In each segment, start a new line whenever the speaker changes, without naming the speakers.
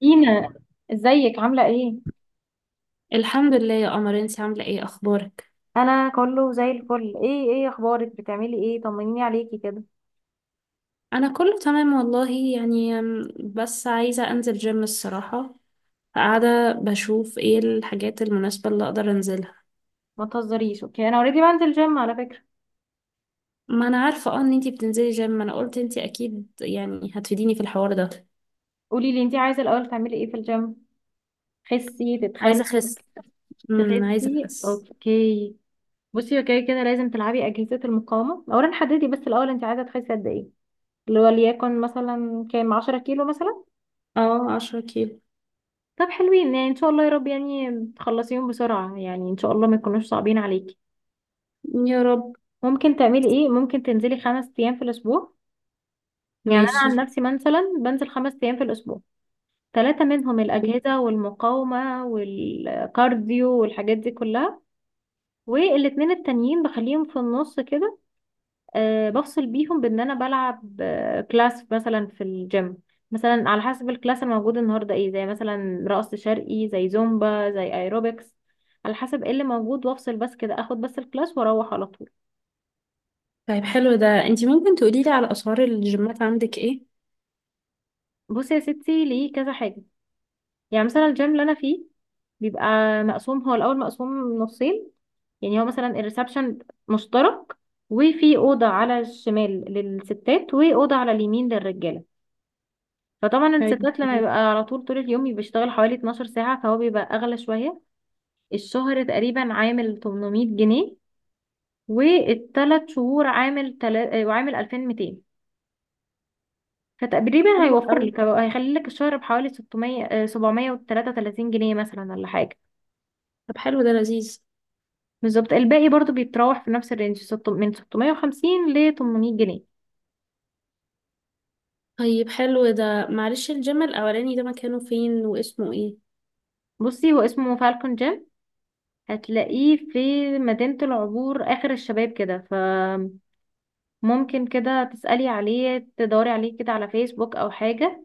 دينا، ازيك؟ عاملة ايه؟
الحمد لله يا قمر. انت عاملة ايه؟ اخبارك.
انا كله زي الفل. ايه اخبارك؟ بتعملي ايه؟ طمنيني عليكي كده.
انا كله تمام والله يعني بس عايزة انزل جيم الصراحة. قاعدة بشوف ايه الحاجات المناسبة اللي اقدر انزلها.
ما تهزريش، اوكي؟ انا اوريدي بنزل جيم على فكرة.
ما انا عارفة اه ان انتي بتنزلي جيم. انا قلت انتي اكيد يعني هتفيديني في الحوار ده.
قولي لي انت عايزة الاول تعملي ايه في الجيم؟ تخسي؟ تتخني؟
عايزة اخس. عايزة
تخسي،
اخس.
اوكي. بصي، اوكي كده لازم تلعبي اجهزة المقاومة اولا. حددي بس الاول انت عايزة تخسي قد ايه، اللي هو ليكن مثلا كام؟ 10 كيلو مثلا؟
اه، 10 كيلو.
طب حلوين، يعني ان شاء الله يا رب يعني تخلصيهم بسرعة، يعني ان شاء الله ما يكونوش صعبين عليكي.
يا رب.
ممكن تعملي ايه؟ ممكن تنزلي 5 ايام في الاسبوع. يعني انا
ماشي.
عن نفسي مثلا بنزل 5 ايام في الاسبوع، ثلاثة منهم الاجهزة والمقاومة والكارديو والحاجات دي كلها، والاتنين التانيين بخليهم في النص كده. أه، بفصل بيهم، بان انا بلعب كلاس مثلا في الجيم. مثلا على حسب الكلاس الموجود النهارده ايه، زي مثلا رقص شرقي، زي زومبا، زي ايروبكس، على حسب ايه اللي موجود. وافصل بس كده، اخد بس الكلاس واروح على طول.
طيب حلو ده، انتي ممكن تقوليلي على اسعار الجيمات عندك ايه؟
بصي يا ستي، ليه كذا حاجة. يعني مثلا الجيم اللي انا فيه بيبقى مقسوم. هو الاول مقسوم نصين، يعني هو مثلا الريسبشن مشترك، وفي اوضه على الشمال للستات، واوضه على اليمين للرجاله. فطبعا
طيب.
الستات لما
طيب.
بيبقى على طول، طول اليوم بيشتغل حوالي 12 ساعه، فهو بيبقى اغلى شويه. الشهر تقريبا عامل 800 جنيه، والثلاث شهور عامل تلا... آه، وعامل 2200. فتقريبا
حلو
هيوفر
قوي.
لك، هيخلي لك الشهر بحوالي 600، 733 جنيه مثلا، ولا حاجه.
طب حلو ده لذيذ.
بالظبط، الباقي برضو بيتراوح في نفس الرينج، من 650 ل 800 جنيه.
طيب حلو ده، معلش الجيم الأولاني ده مكانه فين واسمه ايه؟
بصي، هو اسمه فالكون جيم. هتلاقيه في مدينة العبور آخر الشباب كده، فممكن كده تسألي عليه، تدوري عليه كده على فيسبوك أو حاجة،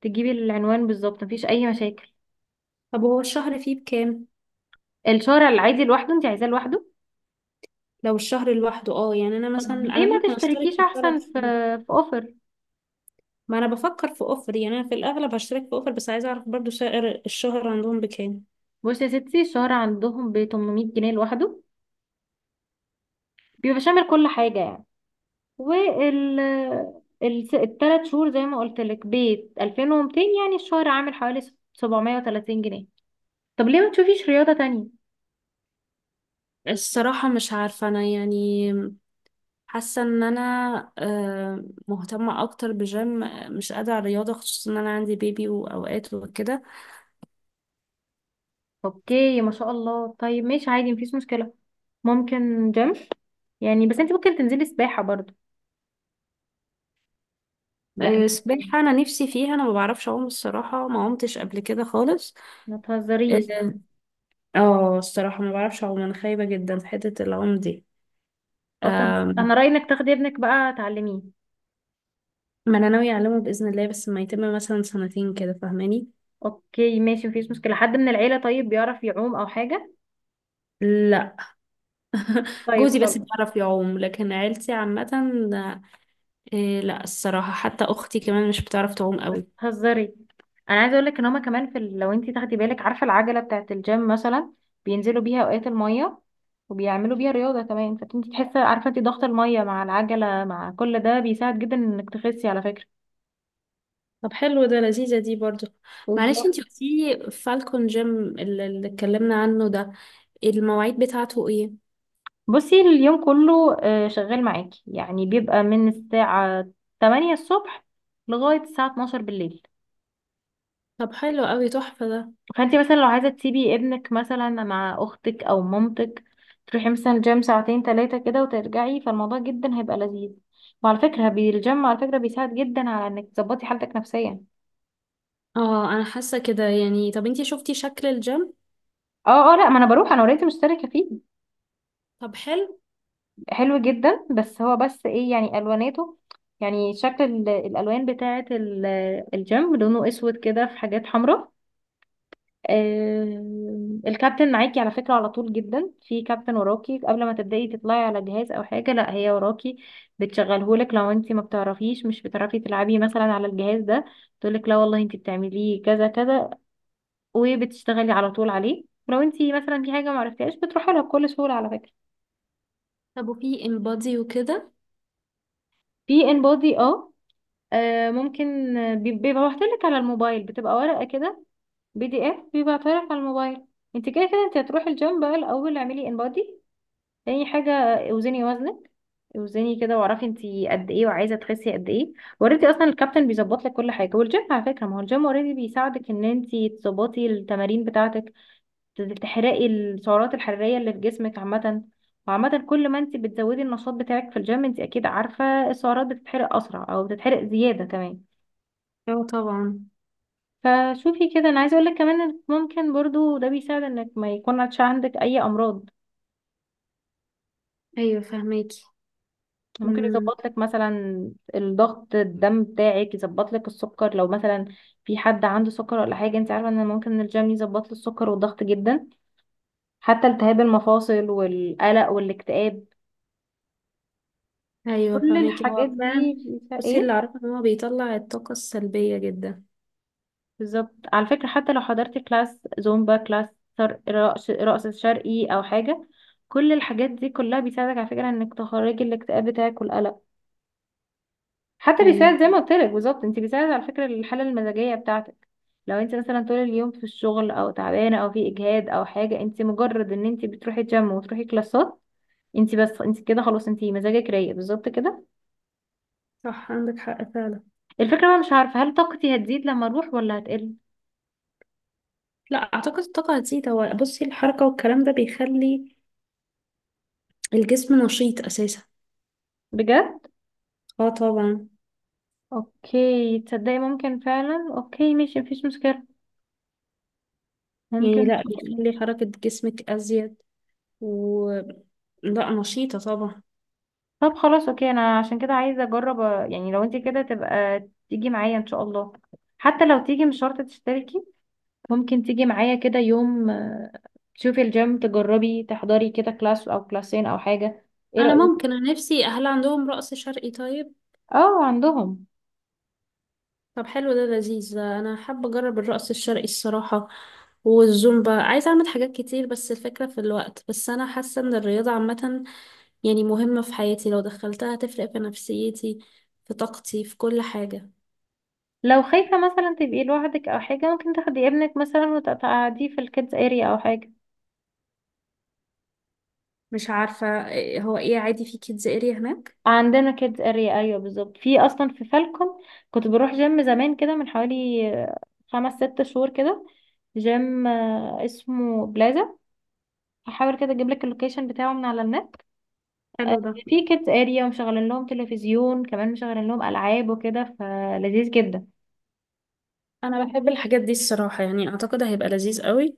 تجيبي العنوان بالظبط، مفيش أي مشاكل.
طب هو الشهر فيه بكام؟
الشارع العادي لوحده، انت عايزاه لوحده؟
لو الشهر لوحده اه، يعني انا مثلا
طب ليه
انا
ما
ممكن اشترك
تشتركيش
في
أحسن
الثلاث
في
شهور
في أوفر؟
ما انا بفكر في اوفر، يعني انا في الاغلب هشترك في اوفر، بس عايزه اعرف برضو سعر الشهر عندهم بكام.
بصي يا ستي، الشارع عندهم ب 800 جنيه لوحده، بيبقى شامل كل حاجة يعني. وال الثلاث شهور زي ما قلت لك بيت 2200، يعني الشهر عامل حوالي 730 جنيه. طب ليه ما تشوفيش رياضة تانية؟
الصراحه مش عارفه انا يعني. حاسه ان انا مهتمه اكتر بجيم، مش قادره على الرياضه، خصوصا ان انا عندي بيبي واوقات وكده.
اوكي، ما شاء الله. طيب ماشي، عادي مفيش مشكلة. ممكن جيم، يعني بس انت ممكن تنزلي سباحة برضو يعني.
سباحه انا نفسي فيها، انا ما بعرفش اعوم الصراحه، ما عمتش قبل كده خالص.
ما تهزريش.
اه الصراحة ما بعرفش اعوم، انا خايبة جدا في حتة العوم دي.
اه، طب
أم،
انا رأيي انك تاخدي ابنك بقى تعلميه.
ما انا ناوية اعلمه بإذن الله، بس ما يتم مثلا سنتين كده فاهماني.
اوكي ماشي، مفيش مشكلة. حد من العيلة طيب بيعرف يعوم او حاجة؟
لا.
طيب
جوزي بس
خلاص.
بيعرف يعوم لكن عيلتي عامة. إيه لا الصراحة، حتى اختي كمان مش بتعرف تعوم قوي.
هزري، انا عايزه اقول لك ان هما كمان في لو انت تاخدي بالك، عارفه العجله بتاعه الجيم مثلا، بينزلوا بيها اوقات الميه وبيعملوا بيها رياضه كمان. فانت تحسي، عارفه انت، ضغط الميه مع العجله مع كل ده بيساعد جدا انك تخسي على فكره.
طب حلو ده، لذيذة دي برضو. معلش
بالظبط.
انتي قلتيلي فالكون جيم، اللي اتكلمنا عنه ده، المواعيد بتاعته ايه؟
بصي، اليوم كله شغال معاكي يعني. بيبقى من الساعه 8 الصبح لغايه الساعه 12 بالليل.
طب حلو قوي، تحفة ده.
فانت مثلا لو عايزه تسيبي ابنك مثلا مع اختك او مامتك، تروحي مثلا الجيم ساعتين ثلاثه كده وترجعي، فالموضوع جدا هيبقى لذيذ. وعلى فكره، الجيم على فكره بيساعد جدا على انك تظبطي حالتك نفسيا.
اه انا حاسة كده يعني. طب انتي شفتي شكل الجيم؟
اه، اه، لا ما انا بروح، انا اوريدي مشتركه فيه.
طب حلو.
حلو جدا، بس هو بس ايه يعني الواناته، يعني شكل الالوان بتاعه الجيم. لونه اسود كده، في حاجات حمراء. الكابتن معاكي على فكرة على طول. جدا في كابتن وراكي قبل ما تبدأي تطلعي على جهاز او حاجة، لا هي وراكي بتشغلهولك. لو انت ما بتعرفيش، مش بتعرفي تلعبي مثلا على الجهاز ده، تقولك لا والله انت بتعمليه كذا كذا، وبتشتغلي على طول عليه. لو انت مثلا في حاجة ما عرفتيهاش بتروحي لها بكل سهولة على فكرة.
طب وفي انبادي وكده؟
في ان بودي، اه. ممكن، بيبقى لك على الموبايل، بتبقى ورقة كده، بي دي اف، بيبعتها لك على الموبايل. انت كده كده انت هتروحي الجيم، بقى الاول اعملي ان بودي. تاني حاجة، اوزني وزنك. اوزني كده واعرفي انتي قد ايه وعايزة تخسي قد ايه. اوريدي اصلا الكابتن بيظبط لك كل حاجة، والجيم على فكرة، ما هو الجيم اوريدي بيساعدك ان انتي تظبطي التمارين بتاعتك، تحرقي السعرات الحرارية اللي في جسمك عامة. وعامة كل ما انتي بتزودي النشاط بتاعك في الجيم، انتي اكيد عارفة السعرات بتتحرق اسرع او بتتحرق زيادة كمان.
اه طبعا.
فشوفي كده، انا عايزة اقولك كمان إنك ممكن برضو ده بيساعد انك ما يكونش عندك اي امراض.
ايوه فهماكي.
ممكن
امم.
يظبط لك مثلا الضغط، الدم بتاعك، يظبط لك السكر لو مثلا في حد عنده سكر ولا حاجه. انت عارفه ان ممكن الجيم يظبط له السكر والضغط جدا، حتى التهاب المفاصل والقلق والاكتئاب.
ايوه
كل
فهماكي،
الحاجات
هو
دي
فعلا. بصي
ايه،
اللي اعرفه ان هو بيطلع الطاقه السلبيه جدا.
بالظبط. على فكره حتى لو حضرت كلاس زومبا، كلاس رقص، رقص شرقي او حاجه، كل الحاجات دي كلها بيساعدك على فكره انك تخرجي الاكتئاب بتاعك والقلق. حتى
ايوه.
بيساعد، زي ما قلت لك بالظبط، انت بيساعد على فكره الحاله المزاجيه بتاعتك. لو انت مثلا طول اليوم في الشغل او تعبانه او في اجهاد او حاجه، انت مجرد ان انت بتروحي جيم وتروحي كلاسات، انت بس، انت كده خلاص، انت مزاجك رايق بالظبط كده.
صح عندك حق فعلا.
الفكره بقى مش عارفه، هل طاقتي هتزيد لما اروح ولا هتقل؟
لا اعتقد الطاقه هتزيد. هو بصي، الحركه والكلام ده بيخلي الجسم نشيط اساسا.
بجد؟
اه طبعا.
اوكي، تصدقي ممكن فعلا. اوكي ماشي، مفيش مشكله، ممكن
يعني
إن
لا
شاء الله.
بيخلي حركه جسمك ازيد، و، لا نشيطه طبعا.
طب خلاص اوكي، انا عشان كده عايزه اجرب، يعني لو انت كده تبقى تيجي معايا ان شاء الله. حتى لو تيجي، مش شرط تشتركي، ممكن تيجي معايا كده يوم، تشوفي الجيم، تجربي، تحضري كده كلاس او كلاسين او حاجة. ايه
انا
رأيك؟
ممكن، انا نفسي، هل عندهم رقص شرقي طيب؟
اه عندهم.
طب حلو ده لذيذ ده، انا حابه اجرب الرقص الشرقي الصراحه والزومبا. عايزه اعمل حاجات كتير بس الفكره في الوقت. بس انا حاسه ان الرياضه عامه يعني مهمه في حياتي، لو دخلتها هتفرق في نفسيتي، في طاقتي، في كل حاجه.
لو خايفة مثلا تبقي لوحدك او حاجة، ممكن تاخدي ابنك مثلا وتقعديه في الكيدز اريا او حاجة.
مش عارفه هو ايه، عادي في كيدز اريا هناك؟
عندنا كيدز اريا، ايوه بالظبط، في اصلا في فالكون. كنت بروح جيم زمان كده من حوالي خمس ست شهور كده، جيم اسمه بلازا. هحاول كده اجيب لك اللوكيشن بتاعه من على النت. آه،
حلو ده.
في كيدز اريا ومشغلين لهم تلفزيون كمان، مشغلين لهم العاب وكده، فلذيذ جدا.
انا بحب الحاجات دي الصراحه، يعني اعتقد هيبقى لذيذ قوي.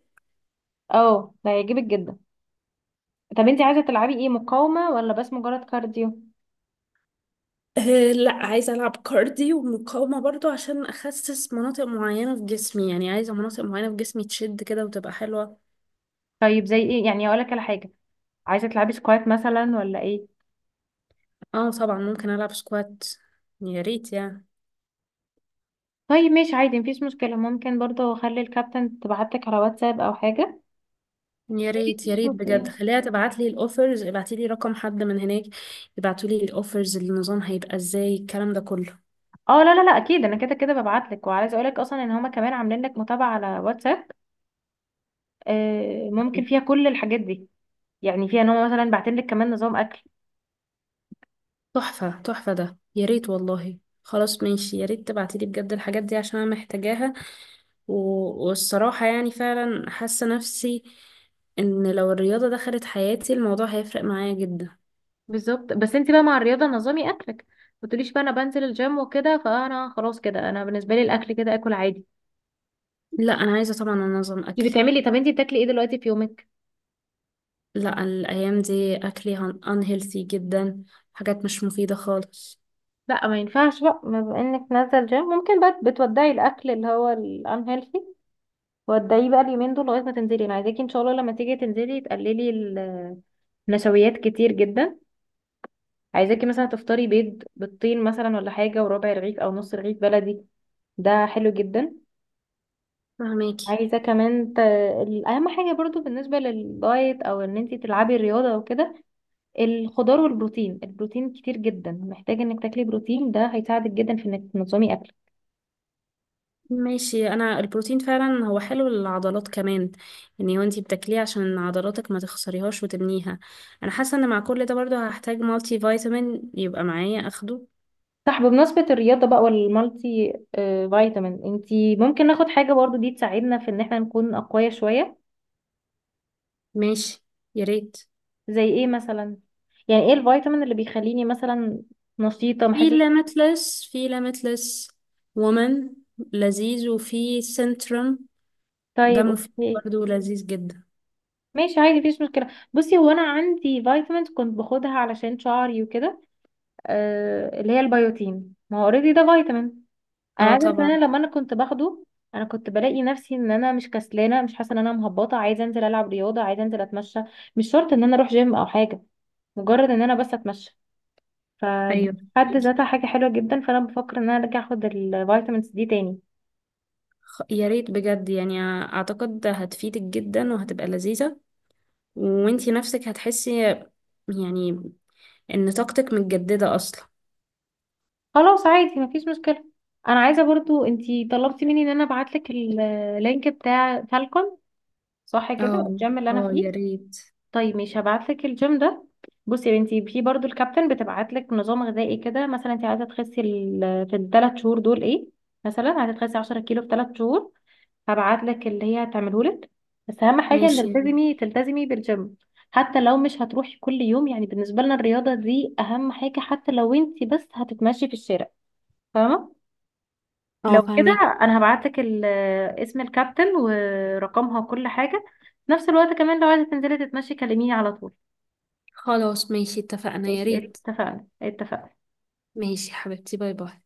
اه، ده هيعجبك جدا. طب انت عايزه تلعبي ايه؟ مقاومه ولا بس مجرد كارديو؟
أه لا، عايزه العب كارديو ومقاومه برضو عشان اخسس مناطق معينه في جسمي، يعني عايزه مناطق معينه في جسمي تشد كده وتبقى حلوه.
طيب زي ايه يعني، اقول لك على حاجه. عايزه تلعبي سكوات مثلا ولا ايه؟
اه طبعا، ممكن العب سكوات، يا ريت يعني.
طيب ماشي، عادي مفيش مشكله. ممكن برضه اخلي الكابتن تبعتلك على واتساب او حاجه.
يا ريت، يا ريت بجد. خليها تبعت لي الاوفرز، ابعتي لي رقم حد من هناك يبعتوا لي الاوفرز، النظام هيبقى ازاي الكلام ده كله.
اه لا، لا، لا، اكيد انا كده كده ببعتلك. وعايزه اقول لك اصلا ان هما كمان عاملين لك متابعه على واتساب. ممكن فيها كل الحاجات دي، يعني فيها ان هو مثلا بعتين لك كمان نظام اكل.
تحفة، تحفة ده، يا ريت والله. خلاص ماشي، يا ريت تبعتي لي بجد الحاجات دي عشان انا محتاجاها. و... والصراحة يعني فعلا حاسة نفسي ان لو الرياضة دخلت حياتي الموضوع هيفرق معايا جدا.
بالظبط، بس انت بقى مع الرياضه نظامي اكلك، ما تقوليش بقى انا بنزل الجيم وكده فانا خلاص كده، انا بالنسبه لي الاكل كده اكل عادي.
لا، انا عايزة طبعا انظم
انت
اكلي.
بتعملي، طب انت بتاكلي ايه دلوقتي في يومك؟
لا الأيام دي أكلي unhealthy جدا، حاجات مش مفيدة خالص.
لا، ما ينفعش بقى. ما بما انك نازله جيم، ممكن بقى بتودعي الاكل اللي هو الانهيلثي. ودعيه بقى اليومين دول لغايه ما تنزلي. انا عايزاكي ان شاء الله لما تيجي تنزلي تقللي النشويات كتير جدا. عايزاكي مثلا تفطري بيض بالطين مثلا ولا حاجه، وربع رغيف او نص رغيف بلدي. ده حلو جدا.
فهماكي.
عايزة كمان أهم حاجة برضو بالنسبة للدايت أو إن أنتي تلعبي الرياضة وكده، الخضار والبروتين. البروتين كتير جدا، محتاجة إنك تاكلي بروتين، ده هيساعدك جدا في إنك تنظمي أكلك.
ماشي. أنا البروتين فعلا هو حلو للعضلات كمان يعني، وانتي بتاكليه عشان عضلاتك ما تخسريهاش وتبنيها. أنا حاسة إن مع كل ده برضه هحتاج مالتي فيتامين يبقى معايا أخده.
صح، بمناسبة الرياضة بقى والمالتي فيتامين، أنتي ممكن ناخد حاجة برضو دي تساعدنا في إن إحنا نكون أقوياء شوية.
ماشي. يا ريت.
زي إيه مثلا؟ يعني إيه الفيتامين اللي بيخليني مثلا نشيطة
في
محسة؟
ليميتلس، في ليميتلس وومن لذيذ، وفي سنترم ده
طيب
مفيد
أوكي.
برضه لذيذ جدا.
ماشي، عادي مفيش مشكلة. بصي، هو أنا عندي فيتامينز كنت باخدها علشان شعري وكده، آه اللي هي البيوتين. ما هو اوريدي ده فيتامين. انا
اه
عايزه اعرف، ان
طبعا.
انا لما انا كنت باخده، انا كنت بلاقي نفسي ان انا مش كسلانه، مش حاسه ان انا مهبطه، عايزه انزل العب رياضه، عايزه انزل اتمشى، مش شرط ان انا اروح جيم او حاجه، مجرد ان انا بس اتمشى. فدي
ايوه
في حد ذاتها حاجه حلوه جدا، فانا بفكر ان انا ارجع اخد الفيتامينز دي تاني.
يا ريت بجد، يعني اعتقد هتفيدك جدا وهتبقى لذيذة وانتي نفسك هتحسي يعني ان طاقتك متجددة اصلا.
خلاص عادي، مفيش مشكله. انا عايزه برضو، انتي طلبتي مني ان انا ابعت لك اللينك بتاع فالكون، صح
اه،
كده؟ الجيم اللي انا
اه يا
فيه.
ريت.
طيب مش هبعتلك الجيم ده. بصي يا بنتي، في برضو الكابتن بتبعتلك نظام غذائي كده، مثلا انت عايزه تخسي في ال 3 شهور دول ايه، مثلا عايزه تخسي 10 كيلو في 3 شهور، هبعتلك اللي هي هتعمله لك. بس اهم حاجه ان
ماشي يا ريت.
تلتزمي، تلتزمي بالجيم. حتى لو مش هتروحي كل يوم، يعني بالنسبه لنا الرياضه دي اهم حاجه، حتى لو انت بس هتتمشي في الشارع، فاهمه؟
اه
لو كده،
فهمك.
انا هبعتلك اسم الكابتن ورقمها وكل حاجه. في نفس الوقت كمان، لو عايزه تنزلي تتمشي، كلميني على طول.
خلاص ماشي اتفقنا، يا
ماشي،
ريت.
اتفقنا، اتفقنا.
ماشي حبيبتي، باي باي.